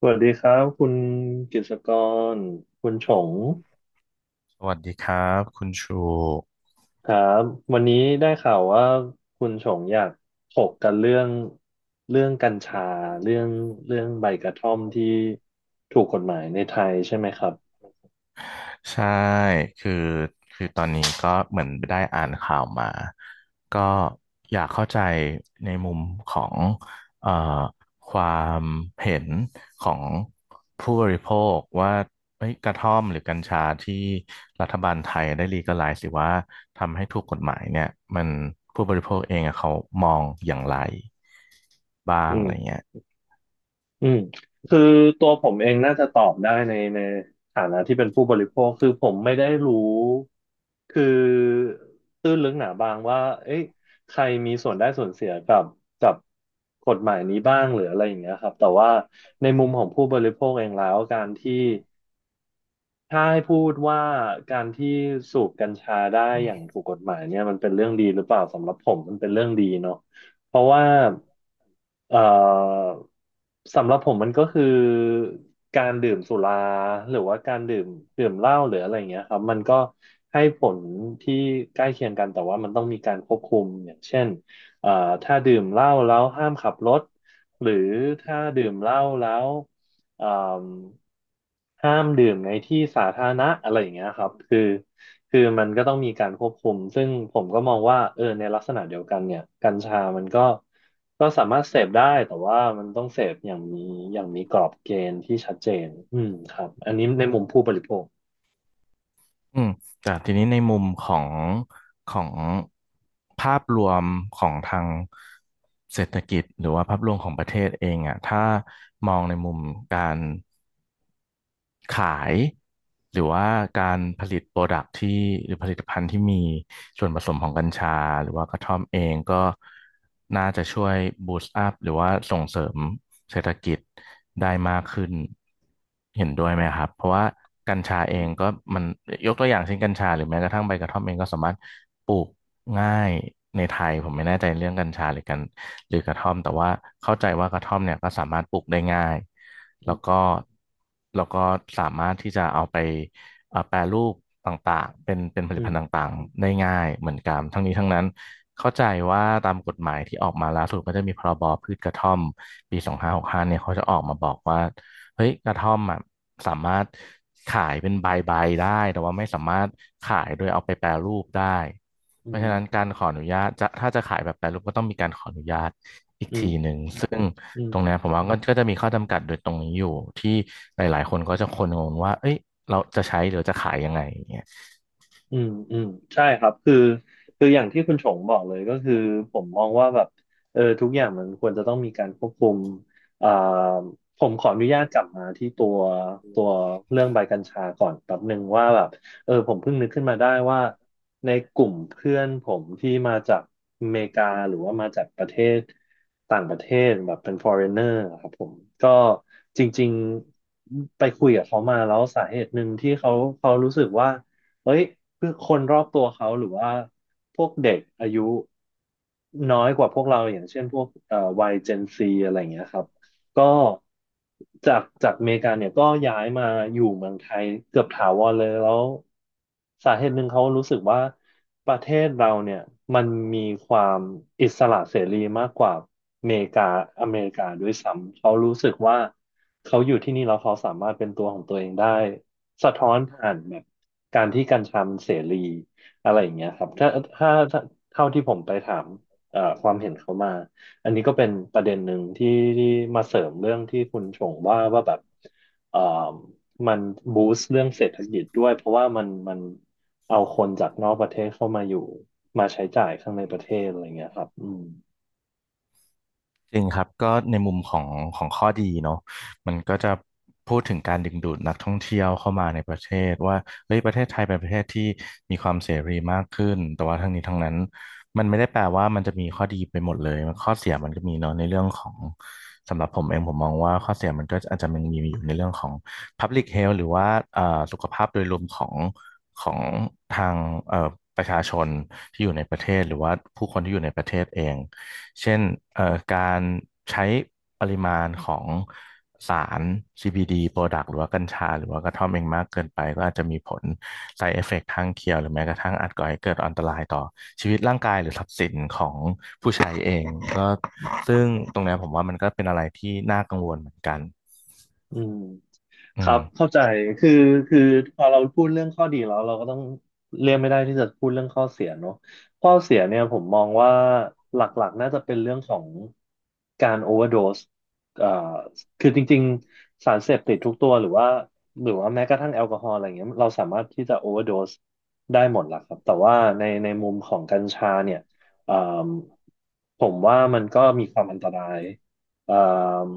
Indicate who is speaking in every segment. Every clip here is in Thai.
Speaker 1: สวัสดีครับคุณกฤษกรคุณฉง
Speaker 2: สวัสดีครับคุณชู
Speaker 1: ครับวันนี้ได้ข่าวว่าคุณฉงอยากถกกันเรื่องเรื่องกัญชาเรื่องใบกระท่อมที่ถูกกฎหมายในไทยใช่ไหมครับ
Speaker 2: ใช่คือคือตอนนี้ก็เหมือนได้อ่านข่าวมาก็อยากเข้าใจในมุมของเอ่อความเห็นของผู้บริโภคว่าเอ้ยกระท่อมหรือกัญชาที่รัฐบาลไทยได้ลีกัลไลซ์หรือว่าทำให้ถูกกฎหมายเนี่ยมันผู้บริโภคเองอะเขามองอย่างไรบ้าง
Speaker 1: อื
Speaker 2: อะไร
Speaker 1: ม
Speaker 2: เงี้ย
Speaker 1: อืมคือตัวผมเองน่าจะตอบได้ในฐานะที่เป็นผู้บริโภคคือผมไม่ได้รู้คือตื้นลึกหนาบางว่าเอ๊ะใครมีส่วนได้ส่วนเสียกับกับกฎหมายนี้บ้างหรืออะไรอย่างเงี้ยครับแต่ว่าในมุมของผู้บริโภคเองแล้วการที่ ถ้าให้พูดว่าการที่สูบกัญชาได้อย่างถูกกฎหมายเนี่ยมันเป็นเรื่องดีหรือเปล่าสำหรับผมมันเป็นเรื่องดีเนาะเพราะว่าเอ่อสำหรับผมมันก็คือการดื่มสุราหรือว่าการดื่มดื่มเหล้าหรืออะไรอย่างเงี้ยครับมันก็ให้ผลที่ใกล้เคียงกันแต่ว่ามันต้องมีการควบคุมอย่างเช่นเอ่อถ้าดื่มเหล้าแล้วห้ามขับรถหรือถ้าดื่มเหล้าแล้วเอ่อ ห้ามดื่มในที่สาธารณะอะไรอย่างเงี้ยครับคือคือมันก็ต้องมีการควบคุมซึ่งผมก็มองว่าเออในลักษณะเดียวกันเนี่ยกัญชามันก็ก็สามารถเสพได้แต่ว่ามันต้องเสพอย่างมีอย่างมีกรอบเกณฑ์ที่ชัดเจนอืมครับอันนี้ในมุมผู้บริโภค
Speaker 2: อืมแต่ทีนี้ในมุมของภาพรวมของทางเศรษฐกิจหรือว่าภาพรวมของประเทศเองอ่ะถ้ามองในมุมการ ขายหรือว่าการผลิตโปรดักที่หรือผลิตภัณฑ์ที่มีส่วนผสมของกัญชาหรือว่ากระท่อมเองก็น่าจะช่วยบูสต์อัพหรือว่าส่งเสริมเศรษฐกิจได้มากขึ้นเห็นด้วยไหมครับเพราะว่ากัญชาเอ
Speaker 1: อื
Speaker 2: งก็
Speaker 1: ม
Speaker 2: มันยกตัวอย่างเช่นกัญชาหรือแม้กระทั่งใบกระท่อมเองก็สามารถปลูกง่ายในไทยผมไม่แน่ใจเรื่องกัญชาหรือกระท่อมแต่ว่าเข้าใจว่ากระท่อมเนี่ยก็สามารถปลูกได้ง่ายแล้วก็ แล้วก็สามารถที่จะเอาไปแปรรูปต่างๆเป็นผลิ
Speaker 1: อื
Speaker 2: ตภั
Speaker 1: ม
Speaker 2: ณฑ์ต่างๆได้ง่ายเหมือนกันทั้งนี้ทั้งนั้นเข้าใจว่าตามกฎหมายที่ออกมาล่าสุดก็จะมีพ.ร.บ.พืชกระท่อมปี2ห้5เนี่ยเขาจะออกมาบอกว่าเฮ้ยกระท่อมอ่ะสามารถขายเป็นใบๆได้แต่ว่าไม่สามารถขายโดยเอาไปแปรรูปได้
Speaker 1: อื
Speaker 2: เพราะฉะนั้น
Speaker 1: ม
Speaker 2: การขออนุญาตจะถ้าจะขายแบบแปรรูปก็ต้องมีการขออนุญาต
Speaker 1: อืมอืม
Speaker 2: ตรงเนี้ยผมว่าก็จะมีข้อจำกัดโดยตรงนี้อยู่ที่หลายๆ คนก็จะคนงงว่าเอ้ยเราจะใช้หรือจะขายยังไงอย่างเงี้ย
Speaker 1: อืมอืมใช่ครับคือคืออย่างที่คุณชงบอกเลยก็คือผมมองว่าแบบเออทุกอย่างมันควรจะต้องมีการควบคุมอ่าผมขออนุญาตกลับมาที่ตัวตัวเรื่องใบกัญชาก่อนแป๊บหนึ่งว่าแบบเออผมเพิ่งนึกขึ้นมาได้ว่าในกลุ่มเพื่อนผมที่มาจากอเมริกาหรือว่ามาจากประเทศต่างประเทศแบบเป็น foreigner อะครับผมก็จริงๆไปคุยกับเขามาแล้วสาเหตุหนึ่งที่เขาเขารู้สึกว่า เอ้ยคือคนรอบตัวเขาหรือว่าพวกเด็กอายุน้อยกว่าพวกเราอย่างเช่นพวกวัยเจนซีอะไรอย่างเงี้ยครับ ก็จากจากอเมริกาเนี่ยก็ย้ายมาอยู่เมืองไทยเกือบถาวรเลยแล้วสาเหตุหนึ่งเขารู้สึกว่าประเทศเราเนี่ยมันมีความอิสระเสรีมากกว่าอเมริกาอเมริกาด้วยซ้ำเขารู้สึกว่าเขาอยู่ที่นี่แล้วเขาสามารถเป็นตัวของตัวเองได้สะท้อนผ่านแบบการที่กัญชามันเสรีอะไรอย่างเงี้ยครับถ้าถ้าเท่าที่ผมไปถามความเห็นเขามา อันนี้ก็เป็นประเด็นหนึ่งที่ที่มาเสริมเรื่องที่คุณชงว่าว่าแบบเอ่อมันบูสต์เรื่องเศรษฐกิจด้วยเพราะว่ามันมันเอาคนจากนอกประเทศเข้ามาอยู่มาใช้จ่ายข้างในประเทศอะไรเงี้ยครับอืม
Speaker 2: จริงครับก็ในมุมของข้อดีเนาะมันก็จะพูดถึงการดึงดูดนักท่องเที่ยวเข้ามาในประเทศว่าเฮ้ยประเทศไทยเป็นประเทศที่มีความเสรีมากขึ้นแต่ว่าทั้งนี้ทั้งนั้นมันไม่ได้แปลว่ามันจะมีข้อดีไปหมดเลยข้อเสียมันก็มีเนาะในเรื่องของสำหรับผมเองผมมองว่าข้อเสียมันก็อาจจะมันมีอยู่ในเรื่องของ Public Health หรือว่าเอ่อสุขภาพโดยรวมของทางเอ่อประชาชนที่อยู่ในประเทศหรือว่าผู้คนที่อยู่ในประเทศเอง เช่นเอ่อการใช้ปริมาณของสาร CBD product หรือว่ากัญชาหรือว่ากระท่อมเองมากเกินไปก็อาจจะมีผล side effect ข้างเคียงหรือแม้กระทั่งอาจก่อให้เกิดอันตรายต่อชีวิตร่างกายหรือทรัพย์สินของผู้ใช้เองก็ซึ่งตรงเนี้ยผมว่ามันก็เป็นอะไรที่น่ากังวลเหมือนกัน
Speaker 1: อืม
Speaker 2: อื
Speaker 1: ครั
Speaker 2: ม
Speaker 1: บเข้าใจคือคือพอเราพูดเรื่องข้อดีแล้วเราก็ต้องเลี่ยงไม่ได้ที่จะพูดเรื่องข้อเสียเนอะข้อเสียเนี่ยผมมองว่าหลักๆน่าจะเป็นเรื่องของการโอเวอร์โดสเอ่อคือจริงๆสารเสพติดทุกตัวหรือว่าหรือว่าแม้กระทั่งแอลกอฮอล์อะไรเงี้ยเราสามารถที่จะโอเวอร์โดสได้หมดแหละครับแต่ว่าในในมุมของกัญชาเนี่ยเอ่อผมว่ามันก็มีความอันตราย เอ่ม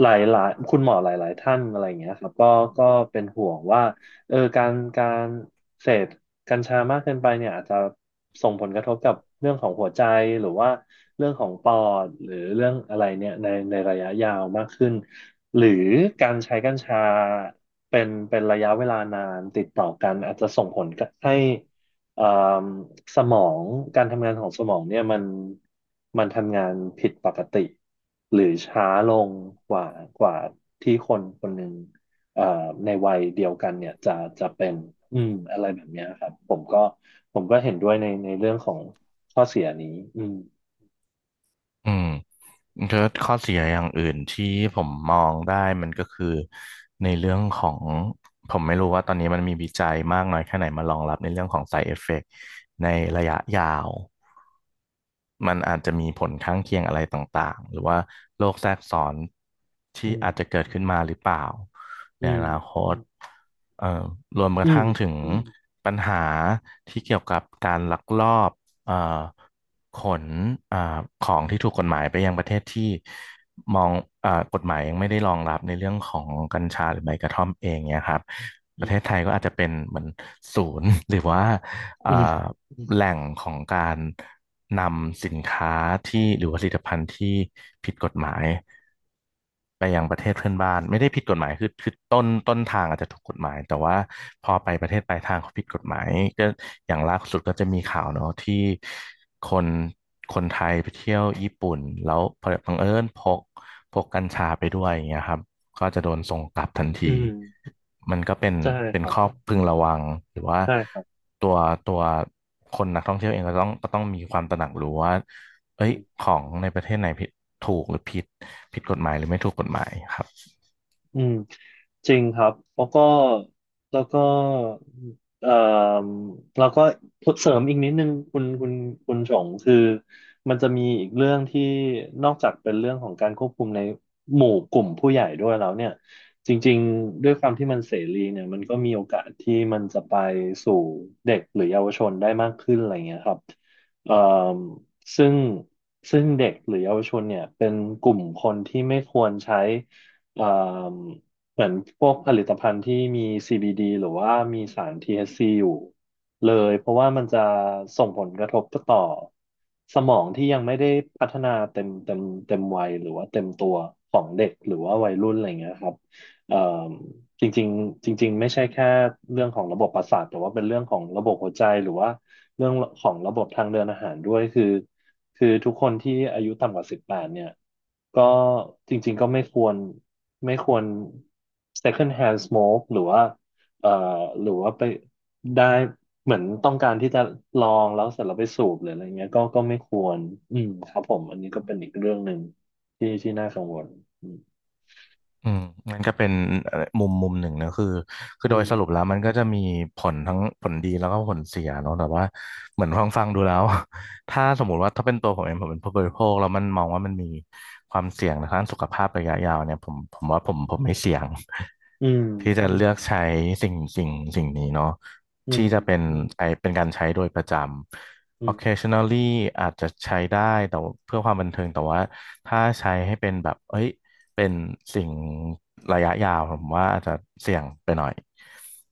Speaker 1: หลายๆคุณหมอหลายๆท่านอะไรอย่างเงี้ยครับก็ก็เป็นห่วงว่าเออการเสพกัญชามากเกินไปเนี่ยอาจจะส่งผลกระทบกับเรื่องของหัวใจหรือว่าเรื่องของปอดหรือเรื่องอะไรเนี่ยในในระยะยาวมากขึ้นหรือการใช้กัญชาเป็นเป็นระยะเวลานานติดต่อกันอาจจะส่งผลให้ เอ่มสมองการทำงานของสมองเนี่ยมันมันทำงานผิดปกติหรือช้าลงกว่ากว่าที่คนคนหนึ่งเอ่อในวัยเดียวกันเนี่ยจะจะเป็นอืมอะไรแบบเนี้ยครับผมก็ผมก็เห็นด้วยในในเรื่องของข้อเสียนี้อืม
Speaker 2: อืมก็ข้อเสียอย่างอื่นที่ผมมองได้มันก็คือในเรื่องของผมไม่รู้ว่าตอนนี้มันมีวิจัยมากน้อยแค่ไหนมารองรับในเรื่องของ side effect ในระยะยาวมันอาจจะมีผลข้างเคียงอะไรต่างๆหรือว่าโรคแทรกซ้อน
Speaker 1: อื
Speaker 2: ที่
Speaker 1: ม
Speaker 2: อาจจะเกิดขึ้นมาหรือเปล่าใน
Speaker 1: อื
Speaker 2: อนาค
Speaker 1: ม
Speaker 2: ตเอ่อรวมก
Speaker 1: อื
Speaker 2: ระ
Speaker 1: ม
Speaker 2: ทั่งถึงปัญหาที่เกี่ยวกับการลักลอบเอ่อ ขนอ่าของที่ถูกกฎหมายไปยังประเทศที่มองกฎหมายยังไม่ได้รองรับในเรื่องของกัญชาหรือใบกระท่อมเองเนี่ยครับป
Speaker 1: อื
Speaker 2: ระ
Speaker 1: ม
Speaker 2: เทศไทยก็อาจจะเป็นเหมือนศูนย์ หรือว่าอ่า
Speaker 1: อืม
Speaker 2: แหล่งของการนำสินค้าที่หรือว่าผลิตภัณฑ์ที่ผิดกฎหมาย ไปยังประเทศเพื่อนบ้านไม่ได้ผิดกฎหมายคือต้นทางอาจจะถูกกฎหมายแต่ว่าพอไปประเทศปลายทางเขาผิดกฎหมายก็อย่างล่าสุดก็จะมีข่าวเนาะที่คนคนไทยไปเที่ยวญี่ปุ่นแล้วบังเอิญพกกัญชาไปด้วยอย่างเงี้ยครับก็จะโดนส่งกลับทันที
Speaker 1: อืม
Speaker 2: มันก็เป็น
Speaker 1: ใช่ครั
Speaker 2: ข้อ
Speaker 1: บ
Speaker 2: พึงระวังหรือว่า
Speaker 1: ใช่ครับ
Speaker 2: ตัวตัวคนนักท่องเที่ยวเองก็ต้องมีความตระหนักรู้ว่าเอ้
Speaker 1: อื
Speaker 2: ยข
Speaker 1: ม
Speaker 2: องในประเทศไหนผิดถูกหรือผิดกฎหมายหรือไม่ถูกกฎหมายครับ
Speaker 1: อืม จริงครับ แล้วก็แล้วก็เอ่อแล้วก็เสริมอีกนิดนึงคุณคุณคุณชงคือมันจะมีอีกเรื่องที่นอกจากเป็นเรื่องของการควบคุมในหมู่กลุ่มผู้ใหญ่ด้วยแล้วเนี่ยจริงๆด้วยความที่มันเสรีเนี่ยมันก็มีโอกาสที่มันจะไปสู่เด็กหรือเยาวชนได้มากขึ้นอะไรเงี้ยครับเอ่อซึ่งซึ่งเด็กหรือเยาวชนเนี่ยเป็นกลุ่มคนที่ไม่ควรใช้เอ่อ เหมือนพวกผลิตภัณฑ์ที่มี CBD หรือว่ามีสาร THC อชซีอยู่เลย เพราะว่ามันจะส่งผลกระทบต่อสมองที่ยังไม่ได้พัฒนาเต็มวัยหรือว่าเต็มตัวของเด็กหรือว่าวัยรุ่นอะไรเงี้ยครับเอ่อจริงๆจริงๆไม่ใช่แค่เรื่องของระบบประสาทแต่ว่าเป็นเรื่องของระบบหัวใจหรือว่า เรื่องของระบบทางเดินอาหารด้วยคือทุกคนที่อายุต่ำกว่า18เนี่ยก็จริงๆก็ไม่ควร second hand smoke หรือว่าเอ่อหรือว่าไปได้เหมือนต้องการที่จะลองแล้วเสร็จแล้วไปสูบหรืออะไรเงี้ยก็ไม่ควรอืมครับผมอันนี้ก็เป็นอีกเรื่องหนึ่งที่น่ากังวลอ
Speaker 2: อืมมันก็เป็นมุมหนึ่งนะคือ
Speaker 1: ื
Speaker 2: โดยสรุป
Speaker 1: ม
Speaker 2: แล้วมันก็จะมีผลทั้งผลดีแล้วก็ผลเสียเนาะแต่ว่าเหมือนฟังดูแล้ว ถ้าสมมุติว่าถ้าเป็นตัวผมเองผมเป็นผู้บริโภคแล้วมันมองว่ามันมีความเสี่ยงทางด้านสุขภาพระยะยาวเนี่ยผมว่าผมไม่เสี่ยง
Speaker 1: อืม
Speaker 2: ที่จะเลือกใช้สิ่งสิ่งสิ่งนี้เนาะ
Speaker 1: อื
Speaker 2: ที่
Speaker 1: ม
Speaker 2: จะเป็นใช้เป็นการใช้โดยประจ
Speaker 1: อืมอื
Speaker 2: ำ
Speaker 1: ม
Speaker 2: occasionally อาจจะใช้ได้แต่ว่าเพื่อความบันเทิงแต่ว่าถ้าใช้ให้เป็นแบบเอ้ย เป็นสิ่งระยะยาวผมว่าอาจจะเสี่ยงไปหน่อย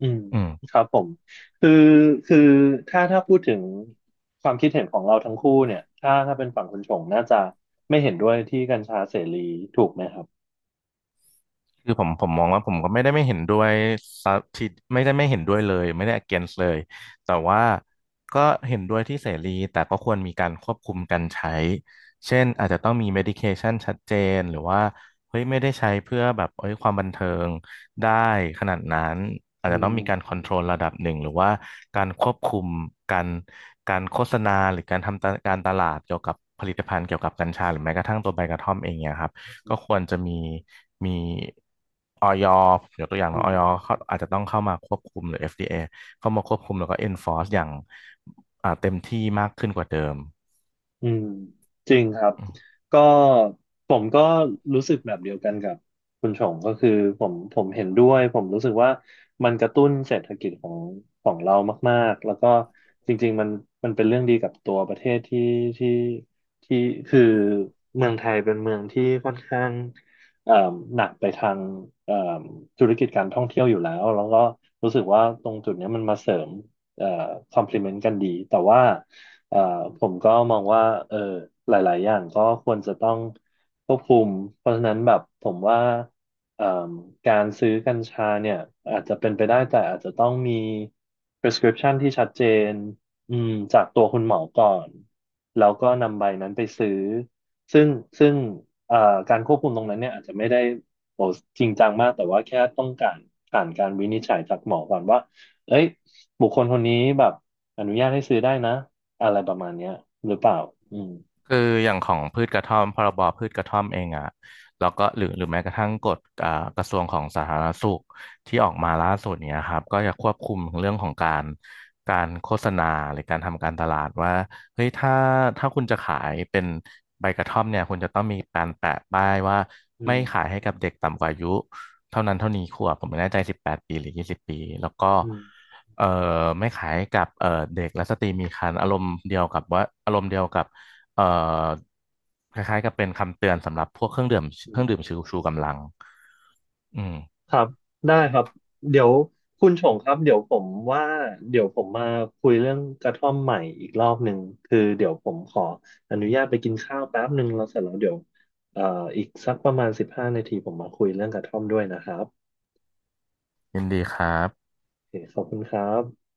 Speaker 1: อืม
Speaker 2: อื
Speaker 1: ค
Speaker 2: ม
Speaker 1: รับผมคือคือถ้าพูดถึงความคิดเห็นของเราทั้งคู่เนี่ยถ้าเป็นฝั่งคุณชงน่าจะไม่เห็นด้วยที่กัญชาเสรีถูกไหมครับ
Speaker 2: คือผมมองว่าผมก็ไม่ได้ไม่เห็นด้วยซะทีไม่ได้ไม่เห็นด้วยเลยไม่ได้ against เลยแต่ว่าก็เห็นด้วยที่เสรีแต่ก็ควรมีการควบคุมการใช้เช่นอาจจะต้องมี medication ชัดเจนหรือว่าเฮ้ยไม่ได้ใช้เพื่อแบบเอ้ยความบันเทิงได้ขนาดนั้นอาจ
Speaker 1: อื
Speaker 2: จะต้องมีการ
Speaker 1: ม
Speaker 2: control ระดับหนึ่งหรือว่าการควบคุมการการโฆษณาหรือการทำตะการตลาดเกี่ยวกับผลิตภัณฑ์เกี่ยวกับกัญชาหรือแม้กระทั่งตัวใบกระท่อมเองเนี่ยครับ ก็ควรจะมีออยยกตัวอย่างเน
Speaker 1: อื
Speaker 2: อะอ
Speaker 1: ม
Speaker 2: อยเขาอาจจะต้องเข้ามาควบคุมหรือ FDA เอเข้ามาควบคุมแล้วก็ enforce อย่างเต็มที่มากขึ้นกว่าเดิม
Speaker 1: อืมจริงครับก็ผมก็รู้สึกแบบเดียวกันกับคุณชงก็คือผมเห็นด้วยผมรู้สึกว่ามันกระตุ้นเศรษฐกิจของของเรามากๆแล้วก็จริงๆมันเป็นเรื่องดีกับตัวประเทศที่ที่ที่คือเมืองไทยเป็นเมืองที่ค่อนข้างเอ่มหนักไปทางเอ่มธุรกิจการท่องเที่ยวอยู่แล้วแล้วก็รู้สึกว่าตรงจุดเนี้ยมันมาเสริมเอ่อ complement กันดีแต่ว่า เอ่อผมก็มองว่าเออหลายๆอย่างก็ควรจะต้องควบคุมเพราะฉะนั้นแบบผมว่าเอ่มการซื้อกัญชาเนี่ยอาจจะเป็นไปได้แต่อาจจะต้องมี prescription ที่ชัดเจนอืมจากตัวคุณหมอก่อนแล้วก็นำใบนั้นไปซื้อซึ่งซึ่งเอ่อการควบคุมตรงนั้นเนี่ยอาจจะไม่ได้โอ้จริงจังมากแต่ว่าแค่ต้องการผ่านการวินิจฉัยจากหมอก่อนว่าเอ้ยบุคคลคนนี้แบบอนุญาตให้ซื้อได้นะ อะไรประมาณเนี้ยหรือเปล่าอืม
Speaker 2: คืออย่างของพืชกระท่อมพรบพืชกระท่อมเองอ่ะแล้วก็หรือแม้กระทั่งกฎกระทรวงของสาธารณสุขที่ออกมาล่าสุดเนี้ยครับก็จะควบคุมเรื่องของการโฆษณาหรือการทำการตลาดว่าเฮ้ยถ้าคุณจะขายเป็นใบกระท่อมเนี่ยคุณจะต้องมีการแปะป้ายว่า
Speaker 1: อื
Speaker 2: ไม่ขาย
Speaker 1: ม
Speaker 2: ให้กับเด็กต่ำกว่าอายุเท่านั้นเท่านี้ขวบผมไม่แน่ใจ18 ปีหรือ20 ปี แล้วก็
Speaker 1: อืม
Speaker 2: เอ่อไม่ขายกับเด็กและสตรีมีครรภ์อารมณ์เดียวกับว่าอารมณ์เดียวกับ เอ่อคล้ายๆกับเป็นคำเตือนสำหรับพวกเครื่องดื่ม
Speaker 1: อื
Speaker 2: เครื่องดื่ม
Speaker 1: ม
Speaker 2: ชูกำลังอืม
Speaker 1: ครับได้ครับเดี๋ยวคุณชงครับเดี๋ยวผมว่าเดี๋ยวผมมาคุยเรื่องกระท่อมใหม่อีกรอบหนึ่งคือเดี๋ยวผมขออนุญาตไปกินข้าวแป๊บหนึ่งแล้วเสร็จแล้วเดี๋ยวเอ่ออีกสักประมาณ15 นาทีผมมาคุยเรื่องกระท่อมด้วยนะครับ
Speaker 2: ยินดีครับ
Speaker 1: โอเคขอบคุณครับ